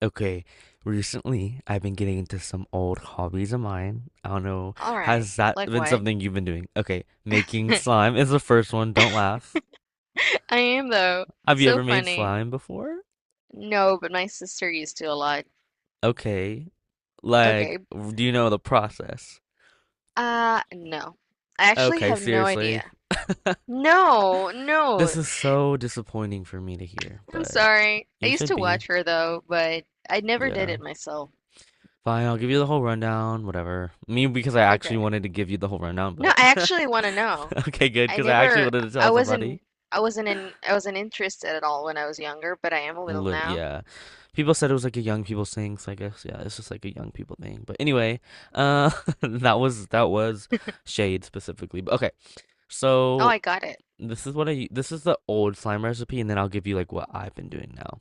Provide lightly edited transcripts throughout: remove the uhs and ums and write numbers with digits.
Okay, recently I've been getting into some old hobbies of mine. I don't know, All right. has that Like been what? something you've been doing? Okay, making I slime is the first one. Don't laugh. am though. Have It's you so ever made funny. slime before? No, but my sister used to a lot. Okay, like, Okay. do you know the process? No. I actually Okay, have no seriously. idea. No, This no. is so disappointing for me to hear, I'm but sorry. I you used should to be. watch her though, but I never did Yeah. it myself. Fine, I'll give you the whole rundown, whatever. Me, because I actually Okay. wanted to give you the whole rundown, No, but I actually want to know. okay, good, I because I actually never, wanted to I tell wasn't, somebody. I wasn't in, I wasn't interested at all when I was younger, but I am a little Lit now. Yeah. People said it was like a young people thing, so I guess yeah, it's just like a young people thing. But anyway, uh that was shade specifically. But okay. Oh, So I got it. This is the old slime recipe, and then I'll give you like what I've been doing now.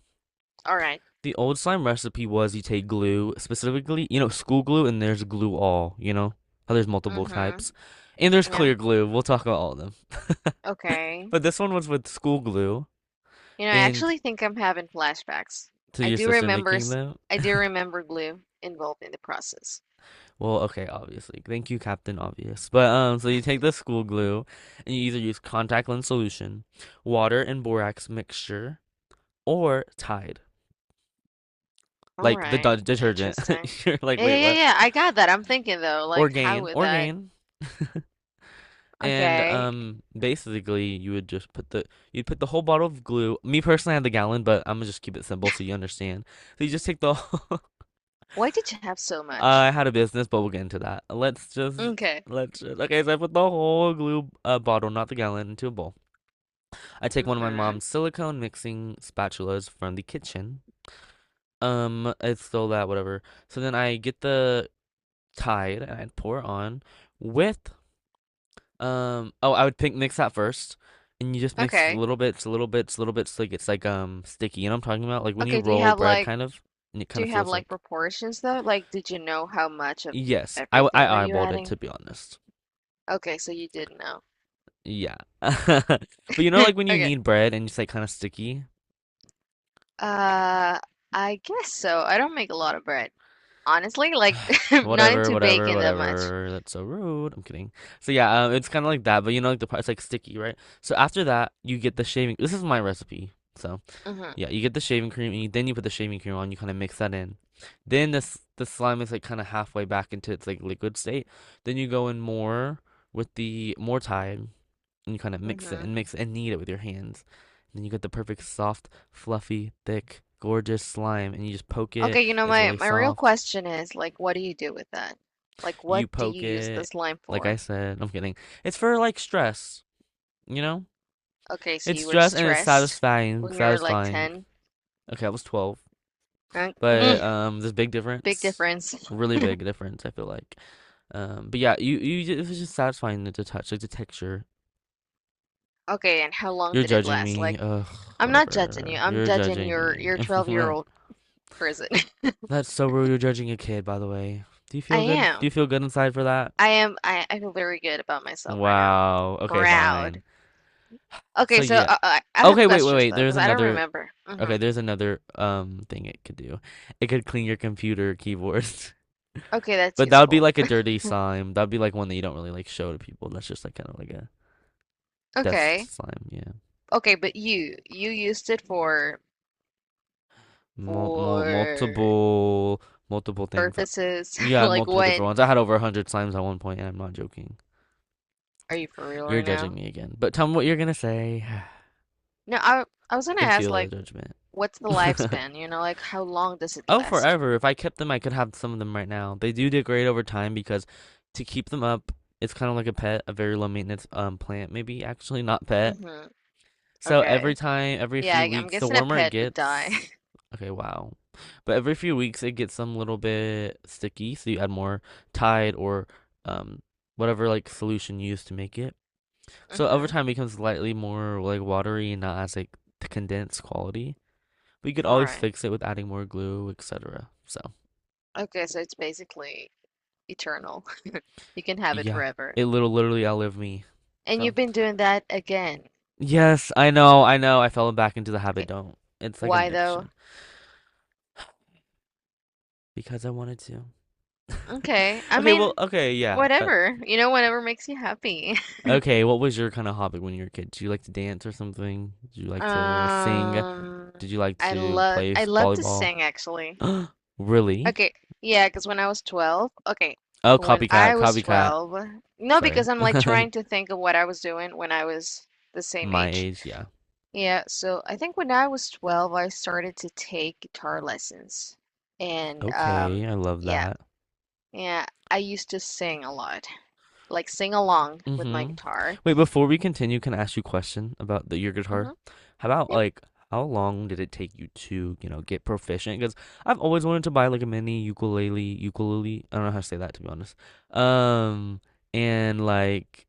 All right. The old slime recipe was you take glue, specifically, school glue, and there's glue all, you know? How there's multiple Mm-hmm. types. And there's Yeah. clear glue. We'll talk about all of them. Okay. But this one was with school glue You know, I and actually think I'm having flashbacks. to I your do sister remember, making s- them. I do remember glue involved in the process. Well, okay, obviously. Thank you, Captain Obvious. But so you take the school glue and you either use contact lens solution, water and borax mixture, or Tide, All like the right, detergent. interesting. You're like, Yeah, wait, yeah, yeah, what? yeah. I got that. I'm thinking though, like, how Orgain, would that? Orgain. And Okay, basically, you would just put the you'd put the whole bottle of glue. Me personally, I had the gallon, but I'm gonna just keep it simple so you understand. So you just take the whole, why did you have so much? I had a business, but we'll get into that. Let's just Okay. Okay. So I put the whole glue bottle, not the gallon, into a bowl. I take one of my Mm-hmm. mom's silicone mixing spatulas from the kitchen. It's still that whatever. So then I get the Tide and I'd pour on with Oh, I would pick mix that first, and you just mix Okay. little bits, little bits, little bits, like it's like sticky. You know what I'm talking about? Like when you Okay. Roll bread, kind of, and it Do kind of you have feels like like proportions though? Like, did you know how much of yes. I everything were I you eyeballed it, to adding? be honest. Okay, so you did know. Yeah. But you know, like when you Okay. need bread and it's like kind of sticky? Uh, I guess so. I don't make a lot of bread. Honestly, like I'm not Whatever, into whatever, baking that much. whatever. That's so rude. I'm kidding. So yeah, it's kind of like that. But like the part, it's like sticky, right? So after that, you get the shaving. This is my recipe. So hmm yeah, you get the shaving cream and then you put the shaving cream on. You kind of mix that in. Then this the slime is like kind of halfway back into its like liquid state. Then you go in more with the more thyme, and you kind of hmm mix it and knead it with your hands. And then you get the perfect soft, fluffy, thick, gorgeous slime, and you just poke it. Okay, It's my really my real soft. question is like, what do you do with that? Like, what You do poke you use it, this lime like I for? said. No, I'm kidding. It's for like stress, you know. Okay, so It's you were stress and it's stressed satisfying. when you were like Satisfying. 10. Okay, I was 12, Uh, but mm, there's a big Big difference. difference. Really big difference, I feel like. But yeah, you it was just satisfying to touch, like the texture. Okay, and how long You're did it judging last? me. Like, Ugh, I'm not judging you. whatever. I'm You're judging judging your me. your 12-year-old person. That's so rude. You're judging a kid, by the way. Do you I feel good? Do you am. feel good inside for that? I am. I feel very good about myself right now. Wow. Okay, fine. Proud. So Okay, so yeah. I have Okay, wait, wait, questions wait. though, There's because I don't another. remember. Mm-hmm. Okay, there's another thing it could do. It could clean your computer keyboard. Okay, that's But that would be useful. like a dirty slime. That'd be like one that you don't really like show to people. That's just like kind of like a dust Okay. slime. Yeah. Okay, but you used it for Mul- for mul- multiple multiple things. purposes Yeah, like multiple what? different ones. I had over 100 slimes at one point, and I'm not joking. Are you for real You're right judging now? me again. But tell me what you're gonna say. No, I was gonna Can ask feel the like judgment. what's the lifespan, like how long does it Oh, last? forever. If I kept them, I could have some of them right now. They do degrade over time, because to keep them up, it's kind of like a pet, a very low maintenance plant, maybe actually not pet. Mm-hmm. So every Okay. time, every Yeah, few I'm weeks, the guessing a warmer it pet would die. gets, okay, wow. But every few weeks, it gets some little bit sticky, so you add more Tide or um whatever like solution you use to make it. So over Mm-hmm. time, it becomes slightly more like watery and not as like the condensed quality. But you could All always right. fix it with adding more glue, etc. So Okay, so it's basically eternal. You can have it yeah, forever. it little literally outlived me. And So you've been doing that again. yes, I know, I know, I fell back into the habit. Okay. Don't. It's like an Why though? addiction because I wanted to. Okay. I Okay, well, mean, okay, yeah. That whatever. You know, whatever makes you happy. okay. What was your kind of hobby when you were a kid? Did you like to dance or something? Did you like to sing? Um, Did you like I to love play I love to volleyball? sing actually. Really? Okay. Yeah, because when I was 12, okay, Oh, when copycat, I was copycat. 12, no, Sorry, because I'm like trying to think of what I was doing when I was the same my age. age. Yeah. Yeah, so I think when I was 12, I started to take guitar lessons. And Okay, I love yeah, that. yeah, I used to sing a lot, like sing along with my Mhm. guitar. Wait, before we continue, can I ask you a question about your hmm guitar? How about like how long did it take you to, get proficient? Because I've always wanted to buy like a mini ukulele, ukulele. I don't know how to say that, to be honest. Um, and like,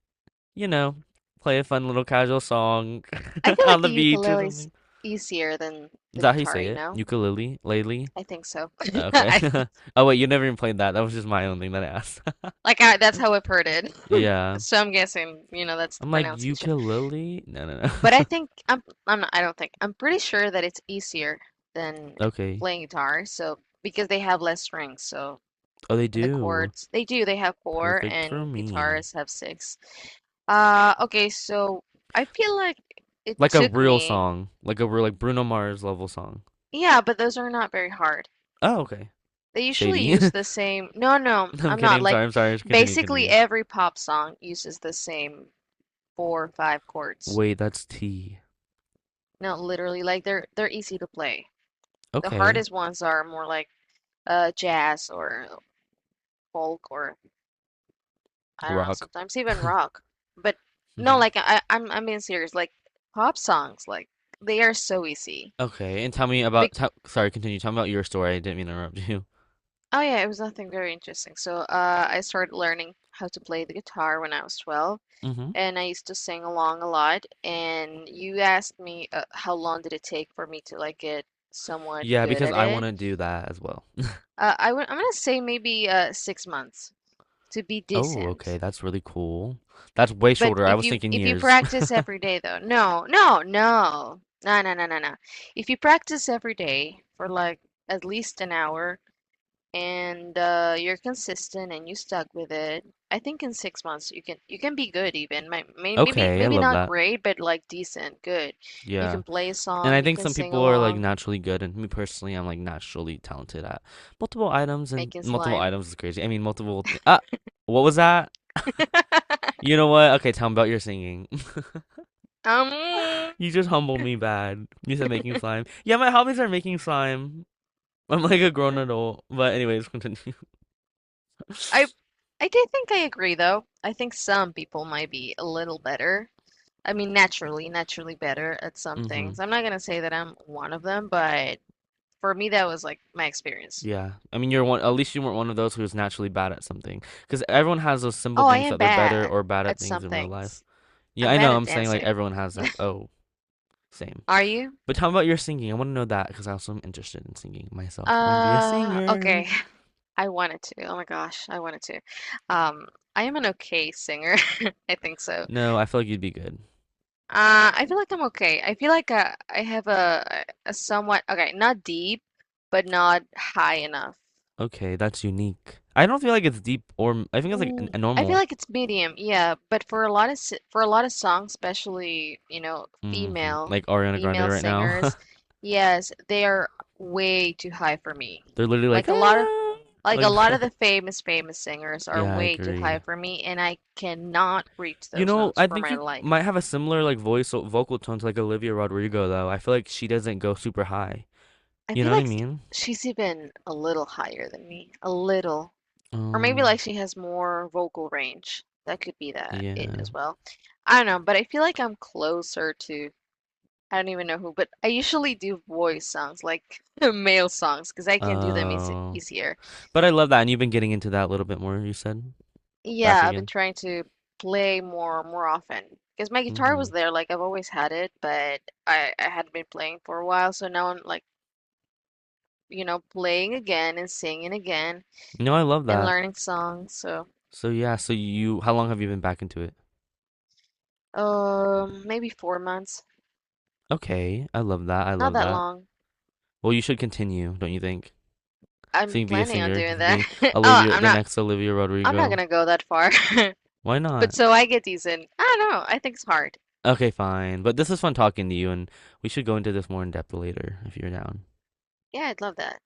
you know, play a fun little casual song I feel on like the the beach or ukulele's something. easier than Is the that how you guitar, say you it? know? Ukulele, lately? I think so. Okay. I Oh wait, you never even played that. That was just my own thing that I asked. That's how I've heard it. Yeah. So I'm guessing, that's the I'm like pronunciation. ukulele? No, no, But I no. think I'm not, I don't think. I'm pretty sure that it's easier than Okay. playing guitar, so because they have less strings. So Oh, they in the do. chords, they do, they have four Perfect for and me. guitars have six. Okay, so I feel like it Like a took real me. song, like a real like Bruno Mars level song. Yeah, but those are not very hard. Oh, okay. They usually Shady. use the same. No, no, I'm I'm kidding. not. I'm Like, sorry. I'm sorry. Continue. basically Continue. every pop song uses the same four or five chords. Wait, that's T. No, literally, like they're easy to play. The Okay. hardest ones are more like jazz or folk or I don't know, Rock. sometimes even rock. But no, Hmm. like I'm being serious. Like pop songs, like they are so easy. Okay, and tell me about. Big Tell, sorry, continue. Tell me about your story. I didn't mean to interrupt you. oh yeah, it was nothing very interesting. So I started learning how to play the guitar when I was 12. Hmm. And I used to sing along a lot. And you asked me how long did it take for me to like get somewhat Yeah, good because at I want it. to do that as well. I'm gonna say maybe 6 months to be Oh, okay. decent. That's really cool. That's way But shorter. I if was you thinking if you years. practice every day though, no, no, no, no, no, no, no, no. If you practice every day for like at least an hour, and you're consistent and you stuck with it, I think in 6 months you can be good even. Maybe Okay, I maybe love not that. great, but like decent, good. You Yeah. can play a And I song, you think can some sing people are like along, naturally good, and me personally, I'm like naturally talented at multiple items, and making multiple slime. items is crazy. I mean, multiple. What was that? You know what? Okay, tell me about your singing. Um, You just humbled me bad. You said making slime. Yeah, my hobbies are making slime. I'm like a grown adult, but anyways, continue. I I do think I agree though. I think some people might be a little better. I mean, naturally better at some Hmm. things. I'm not gonna say that I'm one of them, but for me, that was like my experience. Yeah, I mean, you're one. At least you weren't one of those who's naturally bad at something, because everyone has those simple Oh, I things am that they're better bad or bad at at things some in real life. things. Yeah, I'm I bad know. at I'm saying like dancing. everyone has that. Oh, same. Are you? But how about your singing? I want to know that because I also am interested in singing myself. I want to be a Okay. singer. I wanted to. Oh my gosh, I wanted to. Um, I am an okay singer. I think so. No, I feel like you'd be good. I feel like I'm okay. I feel like I have a somewhat okay, not deep, but not high enough. Okay, that's unique. I don't feel like it's deep, or I think it's like a, a I feel normal. like it's medium, yeah. But for a lot of songs, especially Hmm. female Like Ariana Grande female right now. singers, yes, they are way too high for me. They're literally like, Like a lot of ah, Like a like lot of the that. famous, famous singers are Yeah, I way too high agree. for me, and I cannot reach You those know, notes I for think my you life. might have a similar like voice or vocal tone to like Olivia Rodrigo though. I feel like she doesn't go super high. I You feel know what I like mean? she's even a little higher than me, a little. Or maybe Um, like she has more vocal range. That could be that it yeah. as well. I don't know, but I feel like I'm closer to I don't even know who, but I usually do voice songs, like male songs, because I Oh. can do them easy easier. But I love that, and you've been getting into that a little bit more, you said? Back Yeah, I've been again. trying to play more often because my guitar Hmm. was there, like I've always had it, but I hadn't been playing for a while, so now I'm like, playing again and singing again No, I love and that. learning songs. So, So yeah, so you how long have you been back into it? Maybe 4 months, Okay, I love that. I not love that that. long. Well, you should continue, don't you think? So I'm you can be a planning on singer. You doing can that. be Oh, Olivia, I'm the not next Olivia I'm not Rodrigo. gonna go that far. Why But not? so I get decent. I don't know. I think it's hard. Okay, fine. But this is fun talking to you, and we should go into this more in depth later if you're down. Yeah, I'd love that.